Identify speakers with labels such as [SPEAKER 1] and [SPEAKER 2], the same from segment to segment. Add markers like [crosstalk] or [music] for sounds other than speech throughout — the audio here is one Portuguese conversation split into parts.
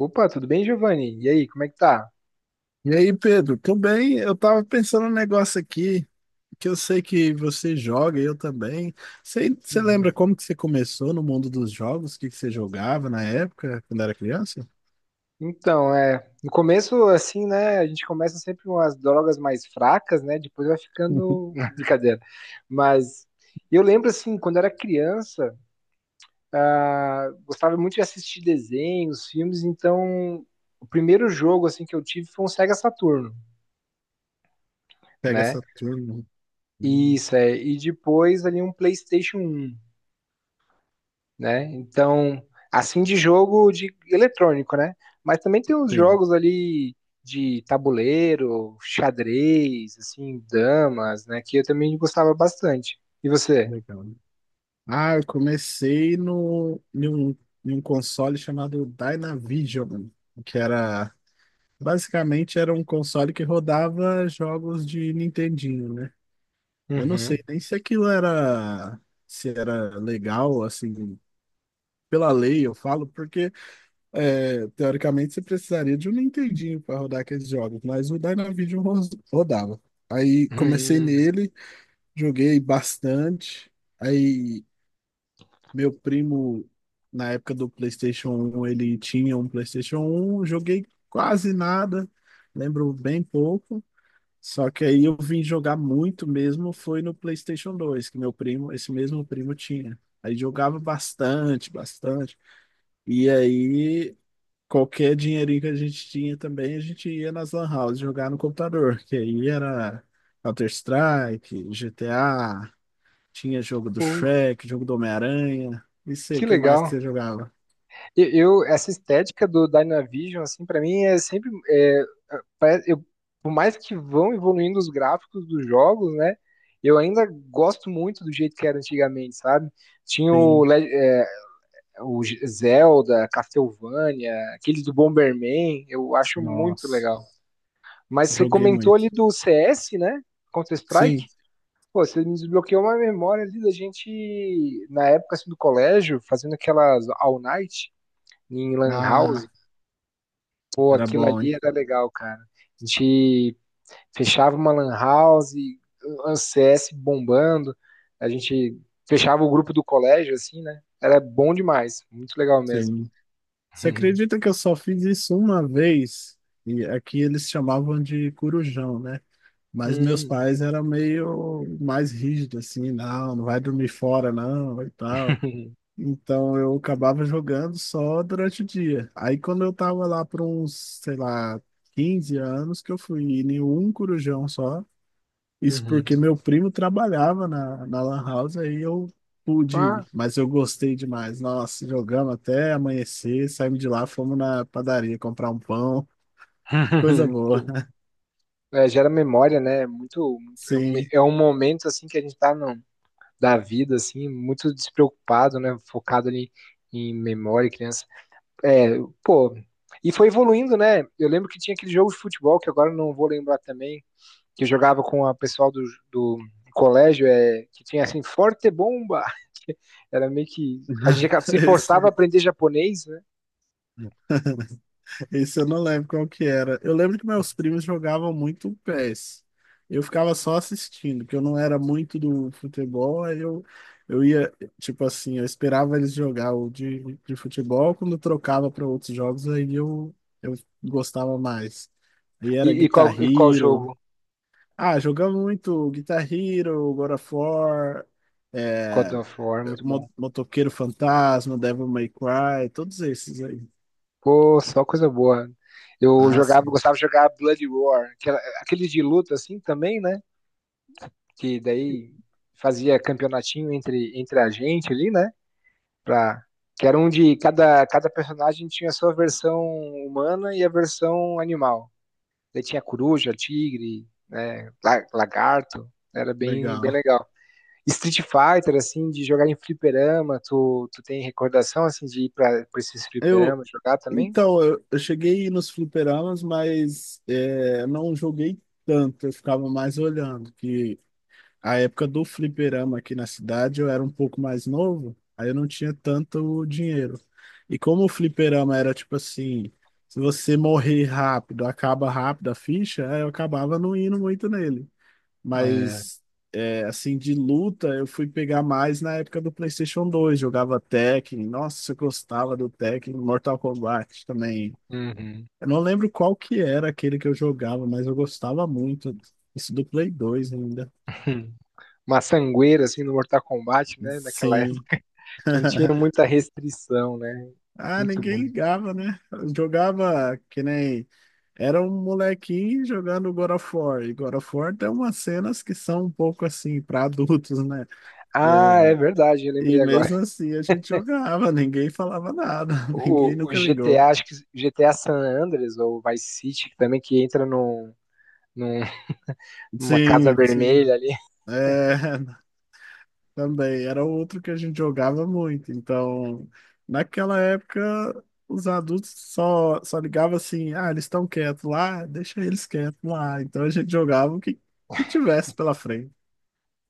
[SPEAKER 1] Opa, tudo bem, Giovanni? E aí, como é que tá?
[SPEAKER 2] E aí, Pedro, tudo bem? Eu tava pensando um negócio aqui, que eu sei que você joga e eu também. Você
[SPEAKER 1] Uhum.
[SPEAKER 2] lembra como que você começou no mundo dos jogos? O que que você jogava na época, quando era criança?
[SPEAKER 1] Então, no começo, assim, né, a gente começa sempre com as drogas mais fracas, né, depois vai ficando...
[SPEAKER 2] [laughs]
[SPEAKER 1] [laughs] Brincadeira. Mas eu lembro, assim, quando era criança, ah, gostava muito de assistir desenhos, filmes, então o primeiro jogo, assim, que eu tive foi um Sega Saturno,
[SPEAKER 2] Pega
[SPEAKER 1] né?
[SPEAKER 2] essa turma. Hum.
[SPEAKER 1] Isso, é, e depois ali um PlayStation um, né? Então, assim, de jogo de eletrônico, né? Mas também tem uns
[SPEAKER 2] Tem,
[SPEAKER 1] jogos ali de tabuleiro, xadrez, assim, damas, né, que eu também gostava bastante. E você?
[SPEAKER 2] legal. Ah, eu comecei no, em um console chamado Dynavision, que era... Basicamente era um console que rodava jogos de Nintendinho, né? Eu não
[SPEAKER 1] Uhum.
[SPEAKER 2] sei nem se aquilo era, se era legal, assim, pela lei, eu falo, porque teoricamente você precisaria de um Nintendinho para rodar aqueles jogos, mas o Dynavision rodava. Aí comecei
[SPEAKER 1] Hum,
[SPEAKER 2] nele, joguei bastante. Aí meu primo, na época do PlayStation um, ele tinha um PlayStation um, joguei quase nada, lembro bem pouco. Só que aí eu vim jogar muito mesmo foi no PlayStation 2, que meu primo, esse mesmo primo, tinha. Aí jogava bastante, bastante. E aí qualquer dinheirinho que a gente tinha também, a gente ia nas lan house jogar no computador, que aí era Counter-Strike, GTA, tinha jogo do
[SPEAKER 1] pô,
[SPEAKER 2] Shrek, jogo do Homem-Aranha. E sei, o
[SPEAKER 1] que
[SPEAKER 2] que mais que
[SPEAKER 1] legal.
[SPEAKER 2] você jogava?
[SPEAKER 1] Eu, Essa estética do Dynavision, assim, para mim é sempre, parece- eu, por mais que vão evoluindo os gráficos dos jogos, né? Eu ainda gosto muito do jeito que era antigamente, sabe? Tinha
[SPEAKER 2] Sim.
[SPEAKER 1] o Zelda, Castlevania, aquele do Bomberman, eu acho muito
[SPEAKER 2] Nossa,
[SPEAKER 1] legal. Mas você
[SPEAKER 2] joguei
[SPEAKER 1] comentou
[SPEAKER 2] muito.
[SPEAKER 1] ali do CS, né? Counter-Strike.
[SPEAKER 2] Sim.
[SPEAKER 1] Pô, você me desbloqueou uma memória ali da gente, na época, assim, do colégio, fazendo aquelas all night em Lan House.
[SPEAKER 2] Ah,
[SPEAKER 1] Pô,
[SPEAKER 2] era
[SPEAKER 1] aquilo
[SPEAKER 2] bom, hein?
[SPEAKER 1] ali era legal, cara. A gente fechava uma Lan House, um CS bombando. A gente fechava o grupo do colégio, assim, né? Era bom demais, muito legal mesmo.
[SPEAKER 2] Sim. Você
[SPEAKER 1] [laughs]
[SPEAKER 2] acredita que eu só fiz isso uma vez? E aqui eles chamavam de corujão, né? Mas meus
[SPEAKER 1] Hum.
[SPEAKER 2] pais eram meio mais rígidos, assim, não, não vai dormir fora, não, e tal.
[SPEAKER 1] Uhum.
[SPEAKER 2] Então eu acabava jogando só durante o dia. Aí quando eu tava lá por uns, sei lá, 15 anos, que eu fui em um corujão só. Isso
[SPEAKER 1] Uhum.
[SPEAKER 2] porque meu primo trabalhava na Lan House, aí eu pude
[SPEAKER 1] Ah.
[SPEAKER 2] ir, mas eu gostei demais. Nossa, jogamos até amanhecer, saímos de lá, fomos na padaria comprar um pão, [laughs] coisa
[SPEAKER 1] [laughs]
[SPEAKER 2] boa.
[SPEAKER 1] Sim. É, gera memória, né? É muito, muito-
[SPEAKER 2] Sim.
[SPEAKER 1] é um momento, assim, que a gente tá no, da vida, assim, muito despreocupado, né? Focado ali em memória, criança. É, pô, e foi evoluindo, né? Eu lembro que tinha aquele jogo de futebol que agora eu não vou lembrar também, que eu jogava com a pessoal do colégio, é, que tinha, assim, Forte Bomba. [laughs] Era meio que a gente
[SPEAKER 2] [laughs]
[SPEAKER 1] se forçava a
[SPEAKER 2] esse-
[SPEAKER 1] aprender japonês, né?
[SPEAKER 2] Esse eu não lembro qual que era. Eu lembro que meus primos jogavam muito PES. Eu ficava só assistindo, porque eu não era muito do futebol, aí eu ia, tipo assim, eu esperava eles jogar o de futebol. Quando trocava para outros jogos, aí eu gostava mais. Aí era Guitar
[SPEAKER 1] E qual jogo?
[SPEAKER 2] Hero. Ah, jogamos muito Guitar Hero, God of War,
[SPEAKER 1] God
[SPEAKER 2] é,
[SPEAKER 1] of War, muito bom.
[SPEAKER 2] Motoqueiro Fantasma, Devil May Cry, todos esses aí.
[SPEAKER 1] Pô, só coisa boa. Eu
[SPEAKER 2] Ah,
[SPEAKER 1] jogava,
[SPEAKER 2] sim,
[SPEAKER 1] gostava de jogar Blood Roar, que era- aquele de luta assim também, né? Que daí fazia campeonatinho entre, entre a gente ali, né? Pra, que era um de cada, cada personagem tinha a sua versão humana e a versão animal. Daí tinha coruja, tigre, né? La- Lagarto. Era bem, bem
[SPEAKER 2] legal.
[SPEAKER 1] legal. Street Fighter, assim, de jogar em fliperama, tu tem recordação, assim, de ir pra esses
[SPEAKER 2] Eu,
[SPEAKER 1] fliperama jogar também?
[SPEAKER 2] Eu cheguei nos fliperamas, mas não joguei tanto, eu ficava mais olhando, que a época do fliperama aqui na cidade eu era um pouco mais novo, aí eu não tinha tanto dinheiro. E como o fliperama era tipo assim, se você morrer rápido, acaba rápido a ficha, aí eu acabava não indo muito nele.
[SPEAKER 1] É.
[SPEAKER 2] Mas, assim, de luta, eu fui pegar mais na época do PlayStation 2, jogava Tekken, nossa, eu gostava do Tekken, Mortal Kombat também.
[SPEAKER 1] Uhum.
[SPEAKER 2] Eu não lembro qual que era aquele que eu jogava, mas eu gostava muito. Isso do Play 2 ainda.
[SPEAKER 1] [laughs] Hum. Uma sangueira, assim, no Mortal Kombat, né? Naquela
[SPEAKER 2] Sim.
[SPEAKER 1] época não
[SPEAKER 2] [laughs]
[SPEAKER 1] tinha muita restrição, né?
[SPEAKER 2] Ah,
[SPEAKER 1] Muito
[SPEAKER 2] ninguém
[SPEAKER 1] bom.
[SPEAKER 2] ligava, né? Eu jogava que nem. Era um molequinho jogando God of War. E God of War tem umas cenas que são um pouco assim, para adultos, né?
[SPEAKER 1] Ah, é
[SPEAKER 2] É.
[SPEAKER 1] verdade, eu
[SPEAKER 2] E
[SPEAKER 1] lembrei agora.
[SPEAKER 2] mesmo assim a gente jogava, [laughs] ninguém falava nada, [laughs] ninguém
[SPEAKER 1] O
[SPEAKER 2] nunca
[SPEAKER 1] GTA,
[SPEAKER 2] ligou.
[SPEAKER 1] acho que GTA San Andreas ou Vice City, que também que entra num, num- numa casa
[SPEAKER 2] Sim, sim.
[SPEAKER 1] vermelha ali.
[SPEAKER 2] É, também era outro que a gente jogava muito. Então, naquela época, os adultos só, só ligavam assim: ah, eles estão quietos lá, deixa eles quietos lá. Então a gente jogava o que, que tivesse pela frente.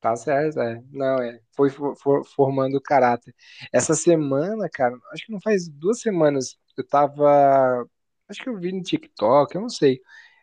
[SPEAKER 1] Tá certo, é. Não, é. Foi for- for- formando o caráter. Essa semana, cara, acho que não faz duas semanas, eu tava. Acho que eu vi no TikTok, eu não sei.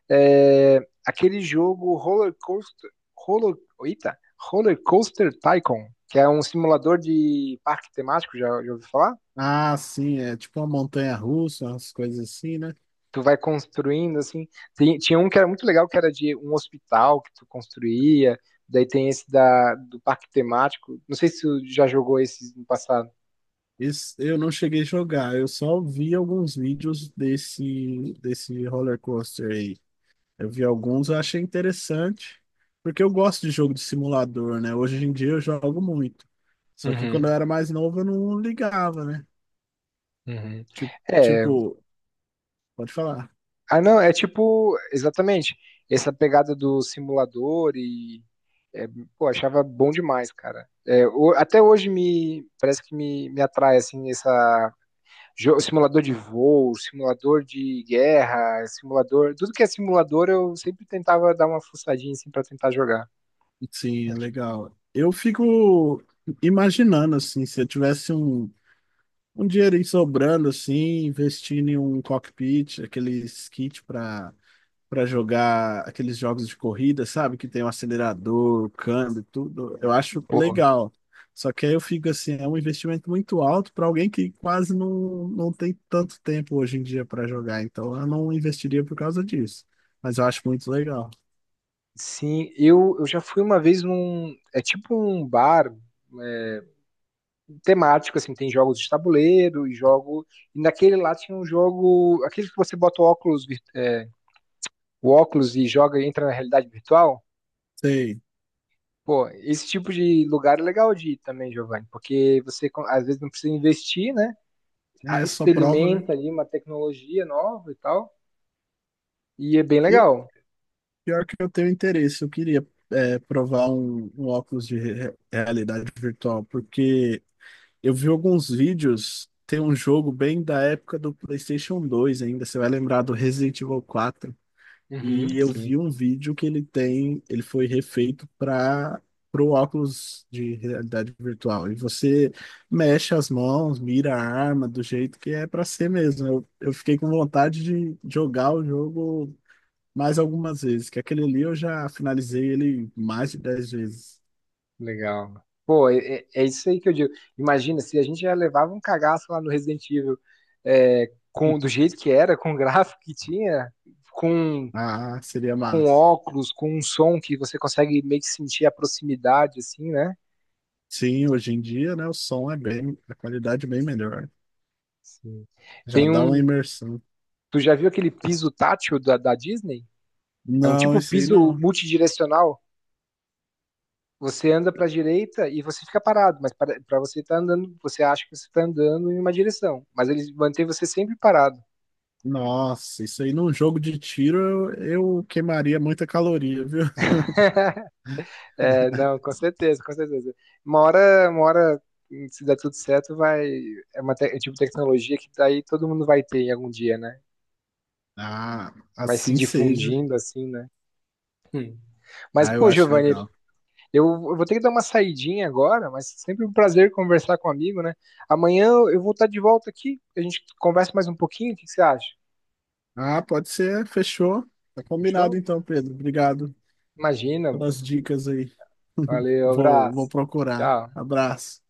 [SPEAKER 1] É, aquele jogo Roller Coaster, Roller, eita, Roller Coaster Tycoon, que é um simulador de parque temático, já, já ouviu falar?
[SPEAKER 2] Ah, sim, é tipo uma montanha russa, umas coisas assim, né?
[SPEAKER 1] Tu vai construindo assim. Tem- tinha um que era muito legal, que era de um hospital que tu construía. Daí tem esse da, do parque temático. Não sei se tu já jogou esse no passado.
[SPEAKER 2] Esse eu não cheguei a jogar, eu só vi alguns vídeos desse roller coaster aí. Eu vi alguns, eu achei interessante, porque eu gosto de jogo de simulador, né? Hoje em dia eu jogo muito. Só que quando
[SPEAKER 1] Uhum,
[SPEAKER 2] eu era mais novo eu não ligava, né?
[SPEAKER 1] uhum.
[SPEAKER 2] Tipo,
[SPEAKER 1] É,
[SPEAKER 2] tipo, pode falar.
[SPEAKER 1] ah, não, é tipo, exatamente, essa pegada do simulador e, é, pô, achava bom demais, cara. É, o- até hoje me, parece que me atrai, assim, essa, jo- simulador de voo, simulador de guerra, simulador, tudo que é simulador eu sempre tentava dar uma fuçadinha, assim, pra tentar jogar.
[SPEAKER 2] Sim, é legal. Eu fico imaginando, assim, se eu tivesse um dinheirinho sobrando, assim, investindo em um cockpit, aqueles kits para jogar aqueles jogos de corrida, sabe? Que tem o acelerador, o câmbio, tudo. Eu acho
[SPEAKER 1] Pô,
[SPEAKER 2] legal. Só que aí eu fico assim, é um investimento muito alto para alguém que quase não tem tanto tempo hoje em dia para jogar. Então eu não investiria por causa disso. Mas eu acho muito legal.
[SPEAKER 1] sim, eu já fui uma vez num, é tipo um bar, é, temático, assim, tem jogos de tabuleiro e jogo. E naquele lá tinha um jogo. Aquele que você bota o óculos, é, o óculos e joga e entra na realidade virtual.
[SPEAKER 2] Sei.
[SPEAKER 1] Pô, esse tipo de lugar é legal de ir também, Giovanni, porque você co- às vezes não precisa investir, né? Ah,
[SPEAKER 2] É só prova, né?
[SPEAKER 1] experimenta ali uma tecnologia nova e tal. E é bem
[SPEAKER 2] Eu,
[SPEAKER 1] legal.
[SPEAKER 2] Pior que eu tenho interesse, eu queria provar um óculos de realidade virtual, porque eu vi alguns vídeos, tem um jogo bem da época do PlayStation 2 ainda, você vai lembrar do Resident Evil 4,
[SPEAKER 1] Uhum,
[SPEAKER 2] e eu
[SPEAKER 1] sim.
[SPEAKER 2] vi um vídeo que ele tem, ele foi refeito para o óculos de realidade virtual, e você mexe as mãos, mira a arma do jeito que é para ser mesmo. Eu fiquei com vontade de jogar o jogo mais algumas vezes, que aquele ali eu já finalizei ele mais de 10 vezes.
[SPEAKER 1] Legal. Pô, é, é é isso aí que eu digo. Imagina, se a gente já levava um cagaço lá no Resident Evil, é, com, do jeito que era, com o [laughs] gráfico que tinha, com,
[SPEAKER 2] Ah, seria
[SPEAKER 1] com
[SPEAKER 2] massa.
[SPEAKER 1] óculos, com um som que você consegue meio que sentir a proximidade, assim, né?
[SPEAKER 2] Sim, hoje em dia, né, o som é bem, a qualidade é bem melhor.
[SPEAKER 1] Sim.
[SPEAKER 2] Já
[SPEAKER 1] Tem
[SPEAKER 2] dá uma
[SPEAKER 1] um.
[SPEAKER 2] imersão.
[SPEAKER 1] Tu já viu aquele piso tátil da Disney? É um
[SPEAKER 2] Não,
[SPEAKER 1] tipo
[SPEAKER 2] isso aí
[SPEAKER 1] piso
[SPEAKER 2] não.
[SPEAKER 1] multidirecional. Você anda para a direita e você fica parado, mas para você estar andando, você acha que você está andando em uma direção, mas eles mantêm você sempre parado.
[SPEAKER 2] Nossa, isso aí num jogo de tiro eu queimaria muita caloria, viu? [laughs]
[SPEAKER 1] [laughs] É, não, com certeza, com certeza. Uma hora, se der tudo certo, vai. É uma te- é tipo de tecnologia que daí todo mundo vai ter em algum dia, né?
[SPEAKER 2] Ah,
[SPEAKER 1] Vai se
[SPEAKER 2] assim seja.
[SPEAKER 1] difundindo assim, né? Hum. Mas,
[SPEAKER 2] Ah, eu
[SPEAKER 1] pô,
[SPEAKER 2] acho
[SPEAKER 1] Giovanni,
[SPEAKER 2] legal.
[SPEAKER 1] eu vou ter que dar uma saidinha agora, mas sempre um prazer conversar com um amigo, né? Amanhã eu vou estar de volta aqui, a gente conversa mais um pouquinho, o que que você acha?
[SPEAKER 2] Ah, pode ser, fechou. Tá combinado
[SPEAKER 1] Fechou?
[SPEAKER 2] então, Pedro. Obrigado
[SPEAKER 1] Imagina.
[SPEAKER 2] pelas dicas aí. [laughs]
[SPEAKER 1] Valeu,
[SPEAKER 2] Vou
[SPEAKER 1] abraço.
[SPEAKER 2] procurar.
[SPEAKER 1] Tchau.
[SPEAKER 2] Abraço.